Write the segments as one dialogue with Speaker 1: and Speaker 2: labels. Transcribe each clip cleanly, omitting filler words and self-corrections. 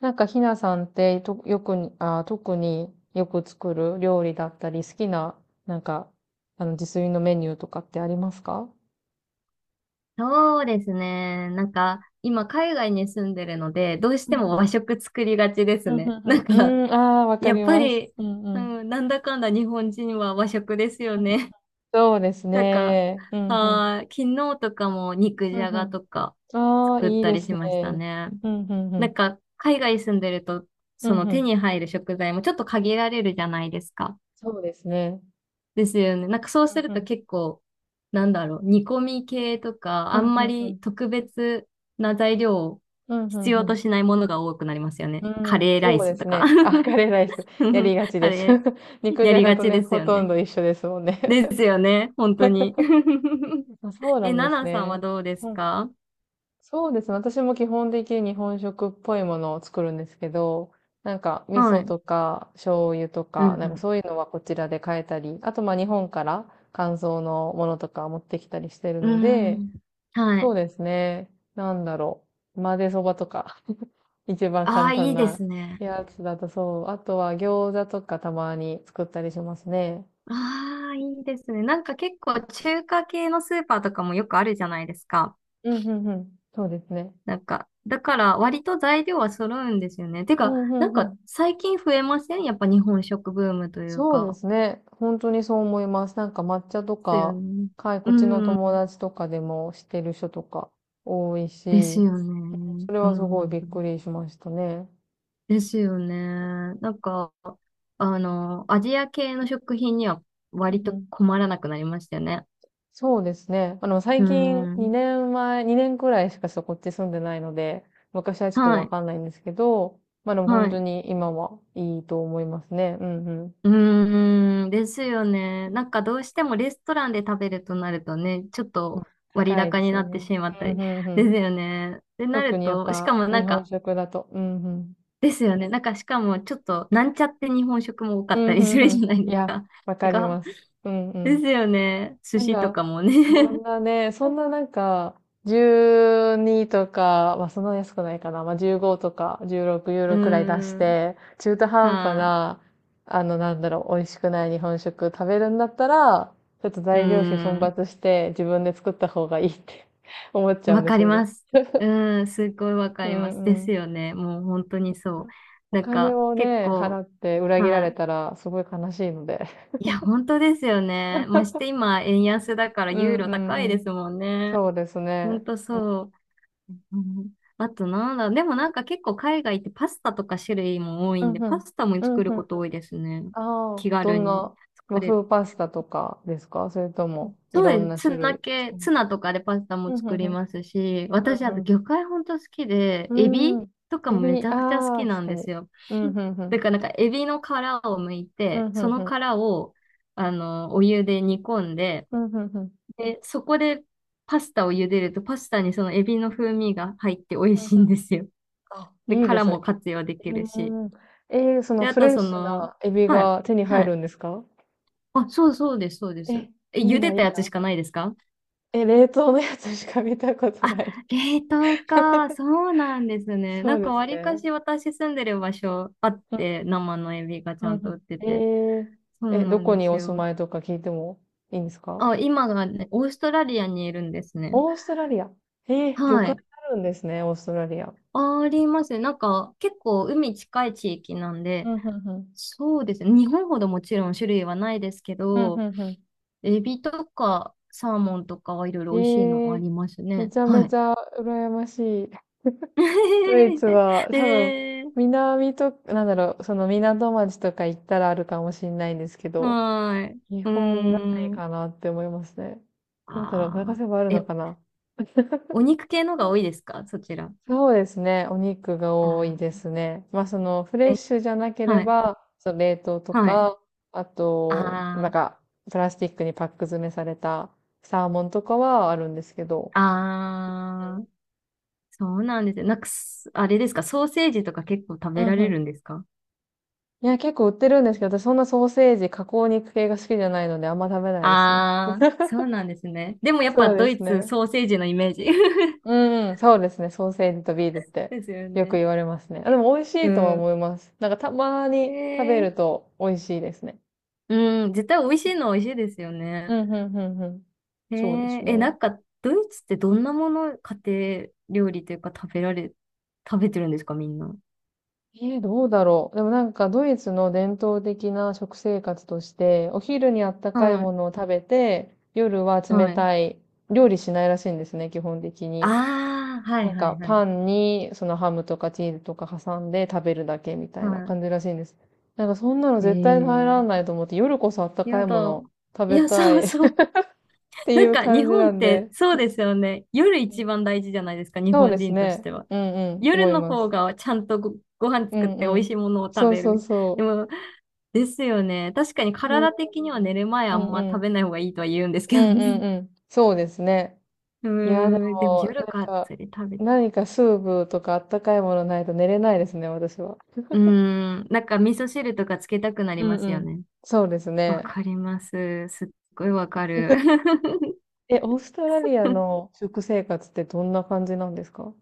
Speaker 1: なんかひなさんってとよくに、特によく作る料理だったり、好きな、なんか、自炊のメニューとかってありますか？
Speaker 2: そうですね。なんか、今、海外に住んでるので、どうし
Speaker 1: う
Speaker 2: ても
Speaker 1: ん
Speaker 2: 和食作りがちです
Speaker 1: うんう
Speaker 2: ね。なん
Speaker 1: んう
Speaker 2: か、
Speaker 1: ん。うん、ああ、わか
Speaker 2: やっ
Speaker 1: り
Speaker 2: ぱ
Speaker 1: ます。
Speaker 2: り、
Speaker 1: うんう
Speaker 2: う
Speaker 1: ん。
Speaker 2: ん、なんだかんだ日本人は和食ですよね。
Speaker 1: そうです
Speaker 2: なんか、
Speaker 1: ね。うんうん。
Speaker 2: 昨日とかも肉じ
Speaker 1: う
Speaker 2: ゃ
Speaker 1: んう
Speaker 2: が
Speaker 1: ん。
Speaker 2: とか
Speaker 1: ああ、
Speaker 2: 作っ
Speaker 1: いい
Speaker 2: た
Speaker 1: で
Speaker 2: り
Speaker 1: す
Speaker 2: しました
Speaker 1: ね。
Speaker 2: ね。
Speaker 1: うんうんう
Speaker 2: なん
Speaker 1: ん。
Speaker 2: か、海外住んでると、
Speaker 1: う
Speaker 2: そ
Speaker 1: ん
Speaker 2: の
Speaker 1: う
Speaker 2: 手
Speaker 1: ん。
Speaker 2: に入る食材もちょっと限られるじゃないですか。
Speaker 1: そうですね。
Speaker 2: ですよね。なんかそう
Speaker 1: う
Speaker 2: す
Speaker 1: ん
Speaker 2: る
Speaker 1: う
Speaker 2: と
Speaker 1: ん。
Speaker 2: 結構、なんだろう、煮込み系とか、
Speaker 1: う
Speaker 2: あ
Speaker 1: ん
Speaker 2: ん
Speaker 1: う
Speaker 2: ま
Speaker 1: んう
Speaker 2: り
Speaker 1: ん。
Speaker 2: 特別な材料を
Speaker 1: うんうん
Speaker 2: 必
Speaker 1: う
Speaker 2: 要と
Speaker 1: ん。
Speaker 2: しないものが多くなりますよね。
Speaker 1: う
Speaker 2: カ
Speaker 1: ん、
Speaker 2: レーライ
Speaker 1: そうで
Speaker 2: ス
Speaker 1: す
Speaker 2: とか。
Speaker 1: ね。あ、カレーライス。やりが ち
Speaker 2: カ
Speaker 1: です。
Speaker 2: レ ー
Speaker 1: 肉
Speaker 2: や
Speaker 1: じゃ
Speaker 2: り
Speaker 1: が
Speaker 2: が
Speaker 1: と
Speaker 2: ち
Speaker 1: ね、
Speaker 2: です
Speaker 1: ほ
Speaker 2: よ
Speaker 1: とん
Speaker 2: ね。
Speaker 1: ど一緒ですもんね。
Speaker 2: ですよね、本当に。
Speaker 1: あ、そう な
Speaker 2: え、
Speaker 1: んで
Speaker 2: ナ
Speaker 1: す
Speaker 2: ナさんは
Speaker 1: ね。
Speaker 2: どうです
Speaker 1: うん、
Speaker 2: か？
Speaker 1: そうですね。私も基本的に日本食っぽいものを作るんですけど、なんか味
Speaker 2: は
Speaker 1: 噌
Speaker 2: い。
Speaker 1: とか醤油と
Speaker 2: う
Speaker 1: か、なんか
Speaker 2: ん
Speaker 1: そういうのはこちらで買えたり、あとまあ日本から乾燥のものとか持ってきたりしてる
Speaker 2: う
Speaker 1: の
Speaker 2: ん。
Speaker 1: で、
Speaker 2: うーん。は
Speaker 1: そ
Speaker 2: い。
Speaker 1: うですね。なんだろう。混ぜそばとか、一番
Speaker 2: あ
Speaker 1: 簡
Speaker 2: あ、
Speaker 1: 単
Speaker 2: いいで
Speaker 1: な
Speaker 2: すね。
Speaker 1: やつだとそう。あとは餃子とかたまに作ったりしますね。
Speaker 2: ああ、いいですね。なんか結構中華系のスーパーとかもよくあるじゃないですか。
Speaker 1: うん、うん、うん。そうですね。
Speaker 2: なんか、だから割と材料は揃うんですよね。て
Speaker 1: う
Speaker 2: か、
Speaker 1: ん、う
Speaker 2: なん
Speaker 1: ん、う
Speaker 2: か
Speaker 1: ん。
Speaker 2: 最近増えませんやっぱ日本食ブームという
Speaker 1: そうで
Speaker 2: か。
Speaker 1: すね。本当にそう思います。なんか抹茶と
Speaker 2: ですよ
Speaker 1: か、
Speaker 2: ね。
Speaker 1: はい、こ
Speaker 2: う
Speaker 1: っちの友
Speaker 2: ん。
Speaker 1: 達とかでも知ってる人とか多い
Speaker 2: です
Speaker 1: し、
Speaker 2: よね。
Speaker 1: それ
Speaker 2: う
Speaker 1: はす
Speaker 2: ん
Speaker 1: ご
Speaker 2: う
Speaker 1: い
Speaker 2: ん
Speaker 1: びっ
Speaker 2: うん。
Speaker 1: くりしましたね。
Speaker 2: ですよね。なんか、あの、アジア系の食品には
Speaker 1: う
Speaker 2: 割
Speaker 1: んう
Speaker 2: と
Speaker 1: ん、
Speaker 2: 困らなくなりましたよね。
Speaker 1: そうですね。最
Speaker 2: う
Speaker 1: 近
Speaker 2: ん。
Speaker 1: 2年前、2年くらいしかそこっち住んでないので、昔はちょっと
Speaker 2: は
Speaker 1: わ
Speaker 2: い。
Speaker 1: かんないんですけど、まあでも
Speaker 2: は
Speaker 1: 本当
Speaker 2: い。
Speaker 1: に今はいいと思いますね。うんうん。
Speaker 2: うーん、ですよね。なんかどうしてもレストランで食べるとなるとね、ちょっ
Speaker 1: まあ
Speaker 2: と割
Speaker 1: 高いで
Speaker 2: 高に
Speaker 1: すよ
Speaker 2: なって
Speaker 1: ね。
Speaker 2: しまった
Speaker 1: うん
Speaker 2: り、
Speaker 1: うんう
Speaker 2: です
Speaker 1: ん。
Speaker 2: よね。ってな
Speaker 1: 特
Speaker 2: る
Speaker 1: にやっ
Speaker 2: と、しか
Speaker 1: ぱ
Speaker 2: もな
Speaker 1: 日
Speaker 2: ん
Speaker 1: 本
Speaker 2: か、
Speaker 1: 食だと。うんうん。
Speaker 2: ですよね。なんかしかもちょっとなんちゃって日本食も多か
Speaker 1: う
Speaker 2: っ
Speaker 1: ん、
Speaker 2: たりす
Speaker 1: うん、
Speaker 2: る
Speaker 1: うん。
Speaker 2: じゃない
Speaker 1: い
Speaker 2: です
Speaker 1: や、
Speaker 2: か。
Speaker 1: わ
Speaker 2: な
Speaker 1: かり
Speaker 2: んか、
Speaker 1: ます。うん、う
Speaker 2: です
Speaker 1: ん。
Speaker 2: よね。寿
Speaker 1: なん
Speaker 2: 司と
Speaker 1: か、
Speaker 2: かもね。
Speaker 1: そん なね、そんななんか、12とか、まあそんな安くないかな。まあ15とか16ユ
Speaker 2: う
Speaker 1: ーロくらい出し
Speaker 2: ーん、
Speaker 1: て、中途半端
Speaker 2: は
Speaker 1: な、なんだろう、美味しくない日本食食べるんだったら、ちょっと
Speaker 2: い、う
Speaker 1: 材料費
Speaker 2: ー
Speaker 1: 奮
Speaker 2: ん、
Speaker 1: 発して自分で作った方がいいって 思っちゃうん
Speaker 2: わ
Speaker 1: で
Speaker 2: か
Speaker 1: す
Speaker 2: り
Speaker 1: よね。
Speaker 2: ます。うーん、すごいわ
Speaker 1: う
Speaker 2: かります。で
Speaker 1: ん、う
Speaker 2: す
Speaker 1: ん。
Speaker 2: よね。もう本当にそう。
Speaker 1: お
Speaker 2: なん
Speaker 1: 金
Speaker 2: か
Speaker 1: を
Speaker 2: 結
Speaker 1: ね、払
Speaker 2: 構、
Speaker 1: って裏切ら
Speaker 2: は
Speaker 1: れ
Speaker 2: い、
Speaker 1: たらすごい悲しいので。
Speaker 2: いや、本当ですよね。まして今、円安だから
Speaker 1: う
Speaker 2: ユ
Speaker 1: ん、
Speaker 2: ーロ
Speaker 1: うん、う
Speaker 2: 高いで
Speaker 1: ん。
Speaker 2: すもんね。
Speaker 1: そうです
Speaker 2: 本
Speaker 1: ね。
Speaker 2: 当
Speaker 1: うん、
Speaker 2: そう。うん、あとなんだ、でもなんか結構海外ってパスタとか種類も多い
Speaker 1: うん、
Speaker 2: んで、
Speaker 1: う
Speaker 2: パ
Speaker 1: ん、
Speaker 2: スタも
Speaker 1: う
Speaker 2: 作るこ
Speaker 1: ん。
Speaker 2: と多いですね。
Speaker 1: ああー、
Speaker 2: 気
Speaker 1: ど
Speaker 2: 軽
Speaker 1: ん
Speaker 2: に
Speaker 1: な
Speaker 2: 作
Speaker 1: 和
Speaker 2: れる。
Speaker 1: 風パスタとかですか？それとも、い
Speaker 2: そう
Speaker 1: ろ
Speaker 2: で
Speaker 1: ん
Speaker 2: す。
Speaker 1: な種
Speaker 2: ツナ
Speaker 1: 類作
Speaker 2: 系、
Speaker 1: る？
Speaker 2: ツナとかでパスタ
Speaker 1: う
Speaker 2: も
Speaker 1: ん、う
Speaker 2: 作り
Speaker 1: ん、
Speaker 2: ますし、私
Speaker 1: う
Speaker 2: あと
Speaker 1: ん、
Speaker 2: 魚介本当好きで、
Speaker 1: う
Speaker 2: エビ
Speaker 1: ん。うん。
Speaker 2: とか
Speaker 1: エ
Speaker 2: もめ
Speaker 1: ビ、
Speaker 2: ちゃくちゃ好
Speaker 1: あ
Speaker 2: き
Speaker 1: あ、
Speaker 2: な
Speaker 1: 確
Speaker 2: ん
Speaker 1: か
Speaker 2: で
Speaker 1: に。
Speaker 2: すよ。
Speaker 1: うん、う ん、う
Speaker 2: だか
Speaker 1: ん。
Speaker 2: らなんかエビの殻を剥い
Speaker 1: うん、う
Speaker 2: て、
Speaker 1: ん、
Speaker 2: そ
Speaker 1: う
Speaker 2: の
Speaker 1: ん。
Speaker 2: 殻をあの、お湯で煮込んで、
Speaker 1: うん、うん、うん。
Speaker 2: で、そこでパスタを茹でると、パスタにそのエビの風味が入って美味
Speaker 1: うんう
Speaker 2: し
Speaker 1: ん、
Speaker 2: いんですよ。
Speaker 1: あ、
Speaker 2: で、
Speaker 1: いいで
Speaker 2: 殻
Speaker 1: すね。
Speaker 2: も活用でき
Speaker 1: う
Speaker 2: るし。
Speaker 1: ん。えー、その
Speaker 2: で、あ
Speaker 1: フ
Speaker 2: と
Speaker 1: レッ
Speaker 2: そ
Speaker 1: シュ
Speaker 2: の、
Speaker 1: なエビ
Speaker 2: はい、
Speaker 1: が手に
Speaker 2: は
Speaker 1: 入
Speaker 2: い。
Speaker 1: るんですか？
Speaker 2: あ、そうそうです、そうで
Speaker 1: え、
Speaker 2: す。え、
Speaker 1: いい
Speaker 2: 茹で
Speaker 1: な、いい
Speaker 2: た
Speaker 1: な。
Speaker 2: やつしかないですか？
Speaker 1: え、冷凍のやつしか見たこと
Speaker 2: あ、
Speaker 1: ない。
Speaker 2: 冷凍か。そうなんですね。
Speaker 1: そ
Speaker 2: な
Speaker 1: う
Speaker 2: ん
Speaker 1: で
Speaker 2: かわ
Speaker 1: す
Speaker 2: りか
Speaker 1: ね。
Speaker 2: し私住んでる場所あって、生のエビがち
Speaker 1: うん
Speaker 2: ゃ
Speaker 1: う
Speaker 2: んと売
Speaker 1: ん。
Speaker 2: ってて。
Speaker 1: え、
Speaker 2: そ
Speaker 1: え、
Speaker 2: う
Speaker 1: え、
Speaker 2: な
Speaker 1: ど
Speaker 2: ん
Speaker 1: こ
Speaker 2: で
Speaker 1: に
Speaker 2: す
Speaker 1: お住
Speaker 2: よ。
Speaker 1: まいとか聞いてもいいんですか？
Speaker 2: あ、今がね、オーストラリアにいるんですね。
Speaker 1: オーストラリア。えー、魚
Speaker 2: は
Speaker 1: 介
Speaker 2: い。
Speaker 1: あるんですね、オーストラリア。
Speaker 2: ありますね。なんか結構海近い地域なん
Speaker 1: う
Speaker 2: で、
Speaker 1: んうんうん。
Speaker 2: そうですね。日本ほどもちろん種類はないですけ
Speaker 1: うんう
Speaker 2: ど、
Speaker 1: んうん。
Speaker 2: エビとかサーモンとかはいろい
Speaker 1: え
Speaker 2: ろ美味しいのあ
Speaker 1: ー、
Speaker 2: ります
Speaker 1: め
Speaker 2: ね。
Speaker 1: ちゃめ
Speaker 2: は
Speaker 1: ち
Speaker 2: い。
Speaker 1: ゃ羨ましい。ドイツ は多分、
Speaker 2: で、
Speaker 1: 南と、なんだろう、その港町とか行ったらあるかもしれないんですけど、
Speaker 2: はい。
Speaker 1: 日
Speaker 2: うー
Speaker 1: 本ない
Speaker 2: ん。
Speaker 1: かなって思いますね。どうだろう、探
Speaker 2: あ
Speaker 1: せばある
Speaker 2: ーえ、
Speaker 1: のかな？
Speaker 2: お肉系のが多いですかそちら？
Speaker 1: そうですね。お肉が多い
Speaker 2: あ
Speaker 1: ですね。まあ、その、フレ
Speaker 2: ー
Speaker 1: ッ
Speaker 2: え、
Speaker 1: シュじゃなけれ
Speaker 2: はい。
Speaker 1: ば、その冷凍と
Speaker 2: はい。
Speaker 1: か、あと、なん
Speaker 2: あ
Speaker 1: か、プラスチックにパック詰めされたサーモンとかはあるんですけど。
Speaker 2: あ、
Speaker 1: う
Speaker 2: ああ、そうなんですよ。なんかす、あれですか、ソーセージとか結構食べ
Speaker 1: ん。う
Speaker 2: ら
Speaker 1: んう
Speaker 2: れる
Speaker 1: ん。
Speaker 2: んですか？
Speaker 1: いや、結構売ってるんですけど、私そんなソーセージ、加工肉系が好きじゃないので、あんま食べないですね。
Speaker 2: ああー、そうなんですね。でもやっぱ
Speaker 1: そうで
Speaker 2: ド
Speaker 1: す
Speaker 2: イツ
Speaker 1: ね。
Speaker 2: ソーセージのイメージ。
Speaker 1: うんうん、そうですね。ソーセージとビールって
Speaker 2: ですよ
Speaker 1: よく
Speaker 2: ね。
Speaker 1: 言われますね。あ、で
Speaker 2: え、
Speaker 1: も美味し
Speaker 2: う
Speaker 1: いとは思
Speaker 2: ん。
Speaker 1: います。なんかたまに食べ
Speaker 2: え
Speaker 1: る
Speaker 2: ー、
Speaker 1: と美味しいですね。
Speaker 2: うん、絶対美味しいのは美味しいですよ
Speaker 1: う
Speaker 2: ね。
Speaker 1: ん、うん、うん、うん。
Speaker 2: え
Speaker 1: そうで
Speaker 2: ー、
Speaker 1: す
Speaker 2: え、
Speaker 1: ね。
Speaker 2: なんか、ドイツってどんなもの、家庭料理というか食べてるんですか、みんな？
Speaker 1: えー、どうだろう。でもなんかドイツの伝統的な食生活として、お昼にあったかい
Speaker 2: は
Speaker 1: も
Speaker 2: い、
Speaker 1: のを食べて、夜は冷
Speaker 2: はい。
Speaker 1: たい、料理しないらしいんですね、基本的に。
Speaker 2: ああ、は
Speaker 1: な
Speaker 2: い、
Speaker 1: ん
Speaker 2: はい、
Speaker 1: か
Speaker 2: は
Speaker 1: パ
Speaker 2: い。
Speaker 1: ンにそのハムとかチーズとか挟んで食べるだけみたいな
Speaker 2: は
Speaker 1: 感じらしいんです。なんかそんなの
Speaker 2: い。え
Speaker 1: 絶対入ら
Speaker 2: ー、
Speaker 1: ないと思って、夜こそあったか
Speaker 2: や
Speaker 1: いもの
Speaker 2: だ。
Speaker 1: を食
Speaker 2: い
Speaker 1: べ
Speaker 2: や、
Speaker 1: た
Speaker 2: そ
Speaker 1: い
Speaker 2: う
Speaker 1: っ
Speaker 2: そう。
Speaker 1: てい
Speaker 2: なん
Speaker 1: う
Speaker 2: か、日
Speaker 1: 感じ
Speaker 2: 本
Speaker 1: な
Speaker 2: っ
Speaker 1: ん
Speaker 2: て
Speaker 1: で。
Speaker 2: そうですよね。夜
Speaker 1: う
Speaker 2: 一番
Speaker 1: ん、
Speaker 2: 大事じゃないですか、日
Speaker 1: そう
Speaker 2: 本
Speaker 1: です
Speaker 2: 人とし
Speaker 1: ね。
Speaker 2: ては。
Speaker 1: うんうん、
Speaker 2: 夜
Speaker 1: 思い
Speaker 2: の
Speaker 1: ま
Speaker 2: 方
Speaker 1: す。
Speaker 2: がちゃんとご飯
Speaker 1: う
Speaker 2: 作っ
Speaker 1: んう
Speaker 2: て美味し
Speaker 1: ん。
Speaker 2: いものを食
Speaker 1: そう
Speaker 2: べ
Speaker 1: そう
Speaker 2: る。で
Speaker 1: そ
Speaker 2: も、ですよね。確かに
Speaker 1: う。それは、
Speaker 2: 体的には寝る前
Speaker 1: う
Speaker 2: あん
Speaker 1: んう
Speaker 2: ま食
Speaker 1: ん。
Speaker 2: べない方がいいとは言うんです
Speaker 1: う
Speaker 2: けど
Speaker 1: んうん
Speaker 2: ね。
Speaker 1: うん。そうですね。
Speaker 2: う
Speaker 1: いや、で
Speaker 2: ーん、でも
Speaker 1: も、
Speaker 2: 夜
Speaker 1: なん
Speaker 2: がっ
Speaker 1: か、
Speaker 2: つり食べ、う
Speaker 1: 何かスープとかあったかいものないと寝れないですね、私は。
Speaker 2: ーん、なんか味噌汁とかつけたくな
Speaker 1: う
Speaker 2: り
Speaker 1: ん
Speaker 2: ま
Speaker 1: う
Speaker 2: すよ
Speaker 1: ん。
Speaker 2: ね。
Speaker 1: そうです
Speaker 2: わ
Speaker 1: ね。
Speaker 2: かります。すっごいわかる。
Speaker 1: え、オーストラリア の食生活ってどんな感じなんですか？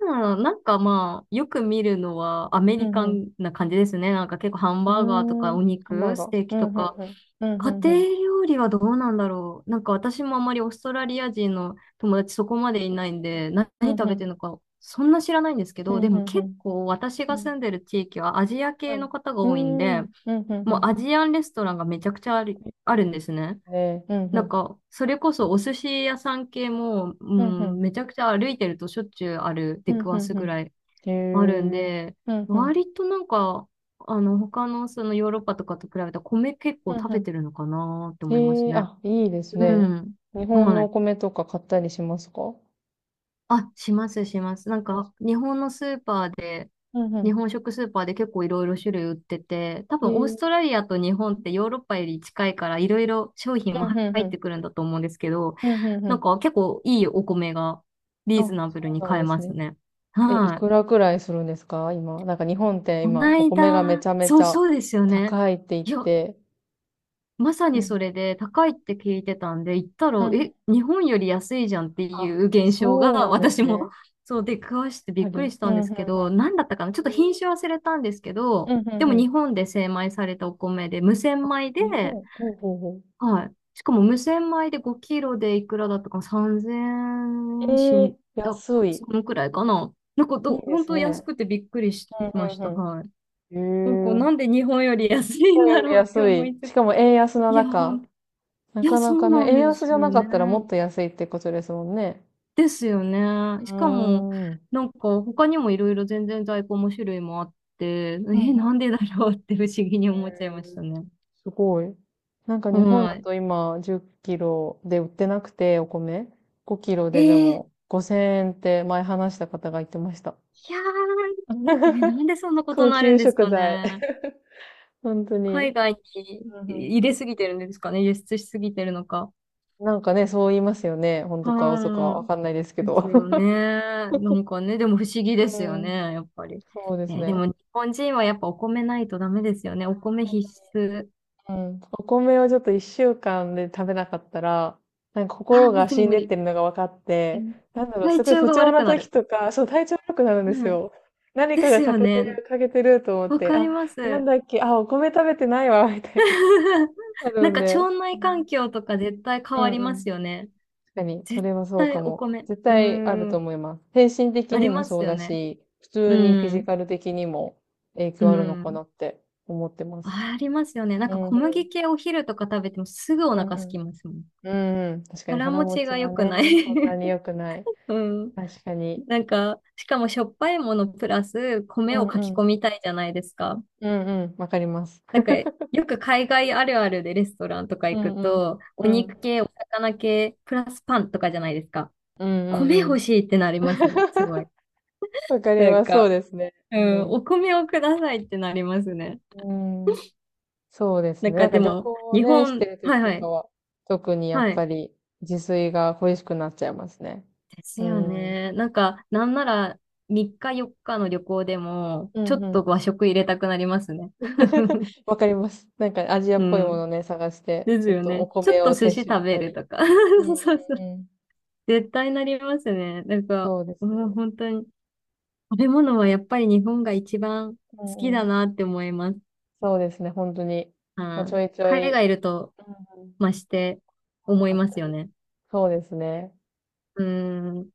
Speaker 2: うん、なんかまあ、よく見るのはアメ
Speaker 1: う
Speaker 2: リカ
Speaker 1: ん
Speaker 2: ンな感じですね。なんか結構ハン
Speaker 1: う
Speaker 2: バーガーと
Speaker 1: ん。う
Speaker 2: か
Speaker 1: ーん。
Speaker 2: お
Speaker 1: ハンバー
Speaker 2: 肉、
Speaker 1: ガ
Speaker 2: ス
Speaker 1: ー。
Speaker 2: テー
Speaker 1: う
Speaker 2: キ
Speaker 1: ん
Speaker 2: と
Speaker 1: うん
Speaker 2: か、
Speaker 1: うん。うん
Speaker 2: 家
Speaker 1: うんうん。
Speaker 2: 庭料理はどうなんだろう。なんか私もあまりオーストラリア人の友達そこまでいないんで、
Speaker 1: う
Speaker 2: 何
Speaker 1: ん
Speaker 2: 食
Speaker 1: う
Speaker 2: べて
Speaker 1: ん。
Speaker 2: るのかそんな知らないんですけ
Speaker 1: う
Speaker 2: ど、
Speaker 1: ん
Speaker 2: で
Speaker 1: う
Speaker 2: も
Speaker 1: んう
Speaker 2: 結
Speaker 1: ん。
Speaker 2: 構私
Speaker 1: う
Speaker 2: が
Speaker 1: ん、
Speaker 2: 住んでる地域はアジア
Speaker 1: は
Speaker 2: 系
Speaker 1: い。う
Speaker 2: の方が
Speaker 1: ー
Speaker 2: 多いん
Speaker 1: ん。う
Speaker 2: で、
Speaker 1: んうんう
Speaker 2: もう
Speaker 1: ん。
Speaker 2: アジアンレストランがめちゃくちゃある、あるんですね。
Speaker 1: ね。うんう
Speaker 2: なん
Speaker 1: ん。
Speaker 2: か、それこそお寿司屋さん系も、う
Speaker 1: ふんふ
Speaker 2: ん、
Speaker 1: ん。
Speaker 2: めちゃくちゃ歩いてるとしょっちゅうある、
Speaker 1: ふ
Speaker 2: 出
Speaker 1: ん
Speaker 2: くわ
Speaker 1: ふん
Speaker 2: す
Speaker 1: ふ
Speaker 2: ぐ
Speaker 1: ん。
Speaker 2: らい
Speaker 1: へ
Speaker 2: あるん
Speaker 1: え。
Speaker 2: で、
Speaker 1: ふんふん。
Speaker 2: 割となんか、あの、他のそのヨーロッパとかと比べたら米結構
Speaker 1: ふん
Speaker 2: 食
Speaker 1: ふ
Speaker 2: べ
Speaker 1: ん。
Speaker 2: てるのかなって思いま
Speaker 1: へ
Speaker 2: す
Speaker 1: え、
Speaker 2: ね。
Speaker 1: あ、いいです
Speaker 2: う
Speaker 1: ね。
Speaker 2: ん。
Speaker 1: 日本
Speaker 2: は
Speaker 1: のお
Speaker 2: い。
Speaker 1: 米とか買ったりしますか？
Speaker 2: あ、しますします。なんか、日本のスーパーで、
Speaker 1: うんう
Speaker 2: 日
Speaker 1: ん、
Speaker 2: 本食スーパーで結構いろいろ種類売ってて、多
Speaker 1: へ
Speaker 2: 分オース
Speaker 1: え。
Speaker 2: トラリアと日本ってヨーロッパより近いからいろいろ商品も
Speaker 1: うんうんう
Speaker 2: 入っ
Speaker 1: ん。
Speaker 2: てくるんだと思うんですけど、
Speaker 1: うんうんう
Speaker 2: なん
Speaker 1: ん。
Speaker 2: か結構いいお米が
Speaker 1: あ、
Speaker 2: リーズナブル
Speaker 1: そ
Speaker 2: に
Speaker 1: うなん
Speaker 2: 買え
Speaker 1: です
Speaker 2: ます
Speaker 1: ね。
Speaker 2: ね。
Speaker 1: え、い
Speaker 2: は
Speaker 1: く
Speaker 2: い。
Speaker 1: らくらいするんですか今？なんか日本って
Speaker 2: こ
Speaker 1: 今、
Speaker 2: な
Speaker 1: お
Speaker 2: い
Speaker 1: 米がめ
Speaker 2: だ、
Speaker 1: ちゃめち
Speaker 2: そう
Speaker 1: ゃ
Speaker 2: そうですよね。
Speaker 1: 高いって言っ
Speaker 2: いや、
Speaker 1: て。
Speaker 2: まさ
Speaker 1: うん
Speaker 2: に
Speaker 1: う
Speaker 2: そ
Speaker 1: ん。
Speaker 2: れで高いって聞いてたんで、行った
Speaker 1: う
Speaker 2: ら、
Speaker 1: んうん。
Speaker 2: え、日本より安いじゃんってい
Speaker 1: あ、
Speaker 2: う現象
Speaker 1: そう
Speaker 2: が
Speaker 1: なんで
Speaker 2: 私
Speaker 1: す
Speaker 2: も
Speaker 1: ね。
Speaker 2: そう出くわして
Speaker 1: やは
Speaker 2: びっくり
Speaker 1: り。
Speaker 2: し
Speaker 1: う
Speaker 2: たん
Speaker 1: ん
Speaker 2: で
Speaker 1: うんう
Speaker 2: す
Speaker 1: ん。
Speaker 2: けど、何だったかなちょっと品種忘れたんですけ
Speaker 1: う
Speaker 2: ど、
Speaker 1: ん
Speaker 2: でも
Speaker 1: うん
Speaker 2: 日本で精米されたお米で、無洗米で、
Speaker 1: うん。日本、ほうほうほう。
Speaker 2: はい。しかも無洗米で5キロでいくらだったかな？ 3,000 円しん
Speaker 1: ええ、
Speaker 2: だ、
Speaker 1: 安い。
Speaker 2: そのくらいかななんか
Speaker 1: いい
Speaker 2: ど、
Speaker 1: で
Speaker 2: 本
Speaker 1: す
Speaker 2: 当安
Speaker 1: ね。
Speaker 2: くてびっくりし
Speaker 1: うん
Speaker 2: まし
Speaker 1: う
Speaker 2: た。
Speaker 1: ん
Speaker 2: はい。なんか、
Speaker 1: うん。へえ。
Speaker 2: なんで日本より安
Speaker 1: 日
Speaker 2: いん
Speaker 1: 本
Speaker 2: だ
Speaker 1: より
Speaker 2: ろうって
Speaker 1: 安
Speaker 2: 思
Speaker 1: い。
Speaker 2: いつ
Speaker 1: し
Speaker 2: つ、
Speaker 1: かも円安な
Speaker 2: いや、本
Speaker 1: 中。な
Speaker 2: いや、
Speaker 1: かな
Speaker 2: そう
Speaker 1: か
Speaker 2: な
Speaker 1: ね、
Speaker 2: ん
Speaker 1: 円
Speaker 2: です
Speaker 1: 安じゃな
Speaker 2: よ
Speaker 1: か
Speaker 2: ね。
Speaker 1: ったらもっと安いってことですもんね。
Speaker 2: ですよね。
Speaker 1: うー
Speaker 2: しかも、
Speaker 1: ん。うん
Speaker 2: なんか他にもいろいろ全然在庫も種類もあって、
Speaker 1: うん。
Speaker 2: え、なんでだろうって不思議に
Speaker 1: へ
Speaker 2: 思っちゃいまし
Speaker 1: え、
Speaker 2: たね。
Speaker 1: すごい。なんか日本
Speaker 2: は
Speaker 1: だ
Speaker 2: い。
Speaker 1: と今10キロで売ってなくて、お米。5キロ
Speaker 2: え
Speaker 1: でで
Speaker 2: ー、い
Speaker 1: も5000円って前話した方が言ってました。
Speaker 2: やー、え、なんでそん なことに
Speaker 1: 高
Speaker 2: なるん
Speaker 1: 級
Speaker 2: で
Speaker 1: 食
Speaker 2: すか
Speaker 1: 材。
Speaker 2: ね。
Speaker 1: 本当
Speaker 2: 海
Speaker 1: に。
Speaker 2: 外に
Speaker 1: うんうん、
Speaker 2: 入れすぎてるんですかね。輸出しすぎてるのか。
Speaker 1: なんかね、そう言いますよね。本当か嘘か
Speaker 2: は
Speaker 1: わかんないですけ
Speaker 2: い。です
Speaker 1: ど。
Speaker 2: よね。なん かね、でも不思議で
Speaker 1: う
Speaker 2: すよ
Speaker 1: ん。
Speaker 2: ね、やっぱり。
Speaker 1: そうです
Speaker 2: え、で
Speaker 1: ね。
Speaker 2: も日本人はやっぱお米ないとダメですよね。お米必須。
Speaker 1: うん。お米をちょっと1週間で食べなかったら、なんか
Speaker 2: ああ、
Speaker 1: 心
Speaker 2: 無
Speaker 1: が
Speaker 2: 理
Speaker 1: 死ん
Speaker 2: 無
Speaker 1: でっ
Speaker 2: 理。
Speaker 1: てるのが分かっ
Speaker 2: う
Speaker 1: て、
Speaker 2: ん、
Speaker 1: なんだろう、
Speaker 2: 体
Speaker 1: すごい
Speaker 2: 調
Speaker 1: 不
Speaker 2: が
Speaker 1: 調
Speaker 2: 悪
Speaker 1: な
Speaker 2: くな
Speaker 1: 時
Speaker 2: る。
Speaker 1: とか、そう、体調悪くなるんです
Speaker 2: うん。
Speaker 1: よ。何
Speaker 2: で
Speaker 1: かが
Speaker 2: す
Speaker 1: 欠
Speaker 2: よ
Speaker 1: けて
Speaker 2: ね。
Speaker 1: る、欠けてると思っ
Speaker 2: わ
Speaker 1: て、
Speaker 2: かり
Speaker 1: あ、
Speaker 2: ま
Speaker 1: なん
Speaker 2: す。
Speaker 1: だっけ、あ、お米食べてないわ、みたいな。な
Speaker 2: な
Speaker 1: る
Speaker 2: ん
Speaker 1: ん
Speaker 2: か
Speaker 1: で。
Speaker 2: 腸
Speaker 1: う
Speaker 2: 内環
Speaker 1: ん。
Speaker 2: 境とか絶対変
Speaker 1: う
Speaker 2: わ
Speaker 1: ん
Speaker 2: り
Speaker 1: う
Speaker 2: ま
Speaker 1: ん。
Speaker 2: すよね。
Speaker 1: 確かに、そ
Speaker 2: 絶
Speaker 1: れはそう
Speaker 2: 対
Speaker 1: か
Speaker 2: お
Speaker 1: も。
Speaker 2: 米。
Speaker 1: 絶
Speaker 2: う
Speaker 1: 対ある
Speaker 2: ー
Speaker 1: と
Speaker 2: ん。
Speaker 1: 思います。精神的
Speaker 2: あり
Speaker 1: にも
Speaker 2: ます
Speaker 1: そう
Speaker 2: よ
Speaker 1: だ
Speaker 2: ね。
Speaker 1: し、普
Speaker 2: う
Speaker 1: 通にフィジ
Speaker 2: ん。
Speaker 1: カル的にも影
Speaker 2: う
Speaker 1: 響あるのか
Speaker 2: ん。
Speaker 1: なって思ってます。
Speaker 2: ありますよね。なん
Speaker 1: う
Speaker 2: か
Speaker 1: んう
Speaker 2: 小麦
Speaker 1: ん。
Speaker 2: 系お昼とか食べてもすぐお
Speaker 1: うん
Speaker 2: 腹
Speaker 1: う
Speaker 2: す
Speaker 1: ん。
Speaker 2: きますもん。
Speaker 1: うんうん。確かに
Speaker 2: 腹
Speaker 1: 腹
Speaker 2: 持
Speaker 1: 持
Speaker 2: ち
Speaker 1: ち
Speaker 2: が良
Speaker 1: は
Speaker 2: くない。
Speaker 1: ね、そんなに 良くない。
Speaker 2: うん。
Speaker 1: 確かに。
Speaker 2: なんか、しかもしょっぱいものプラス
Speaker 1: う
Speaker 2: 米を
Speaker 1: ん
Speaker 2: か
Speaker 1: う
Speaker 2: き
Speaker 1: ん。
Speaker 2: 込みたいじゃないですか。
Speaker 1: うんうん。わかります。
Speaker 2: なんか、よく海外あるあるでレストランとか
Speaker 1: う
Speaker 2: 行
Speaker 1: ん
Speaker 2: く
Speaker 1: うん。
Speaker 2: と、お
Speaker 1: う
Speaker 2: 肉
Speaker 1: ん。
Speaker 2: 系、お魚系、プラスパンとかじゃないですか。
Speaker 1: うんうんう
Speaker 2: 米
Speaker 1: ん。
Speaker 2: 欲しいってなりますね、すごい。
Speaker 1: わかり
Speaker 2: なん
Speaker 1: ます。そう
Speaker 2: か、
Speaker 1: ですね。
Speaker 2: う
Speaker 1: う
Speaker 2: ん、
Speaker 1: ん。
Speaker 2: お米をくださいってなりますね。
Speaker 1: うん。そうです
Speaker 2: なん
Speaker 1: ね。な
Speaker 2: か
Speaker 1: ん
Speaker 2: で
Speaker 1: か旅
Speaker 2: も、
Speaker 1: 行を
Speaker 2: 日
Speaker 1: ね、して
Speaker 2: 本、
Speaker 1: る時
Speaker 2: はい
Speaker 1: と
Speaker 2: は
Speaker 1: か
Speaker 2: い、
Speaker 1: は、特にや
Speaker 2: は
Speaker 1: っ
Speaker 2: い。
Speaker 1: ぱり自炊が恋しくなっちゃいますね。
Speaker 2: です
Speaker 1: う
Speaker 2: よ
Speaker 1: ん。うん
Speaker 2: ね。なんか、なんなら3日4日の旅行でも、
Speaker 1: う
Speaker 2: ちょっと
Speaker 1: ん。
Speaker 2: 和食入れたくなりますね。
Speaker 1: わかります。なんかアジアっ
Speaker 2: う
Speaker 1: ぽいも
Speaker 2: ん。
Speaker 1: のね、探して、
Speaker 2: です
Speaker 1: ちょっ
Speaker 2: よ
Speaker 1: とお
Speaker 2: ね。ちょっ
Speaker 1: 米
Speaker 2: と
Speaker 1: を
Speaker 2: 寿司
Speaker 1: 摂取し
Speaker 2: 食べ
Speaker 1: た
Speaker 2: る
Speaker 1: り。
Speaker 2: とか。
Speaker 1: うんう
Speaker 2: そうそう、
Speaker 1: んうん。
Speaker 2: 絶対なりますね。なんか、
Speaker 1: そうで
Speaker 2: う
Speaker 1: す
Speaker 2: ん、
Speaker 1: ね。
Speaker 2: 本当に、食べ物はやっぱり日本が一番好
Speaker 1: う
Speaker 2: き
Speaker 1: んう
Speaker 2: だ
Speaker 1: ん。
Speaker 2: なって思います。
Speaker 1: そうですね、本当に。まあ、
Speaker 2: あ
Speaker 1: ち
Speaker 2: ー、
Speaker 1: ょいちょ
Speaker 2: 海
Speaker 1: い、
Speaker 2: 外いると
Speaker 1: うんうん。
Speaker 2: 増して
Speaker 1: な
Speaker 2: 思
Speaker 1: か
Speaker 2: い
Speaker 1: っ
Speaker 2: ま
Speaker 1: た
Speaker 2: すよ
Speaker 1: り。
Speaker 2: ね。
Speaker 1: そうですね。
Speaker 2: うん。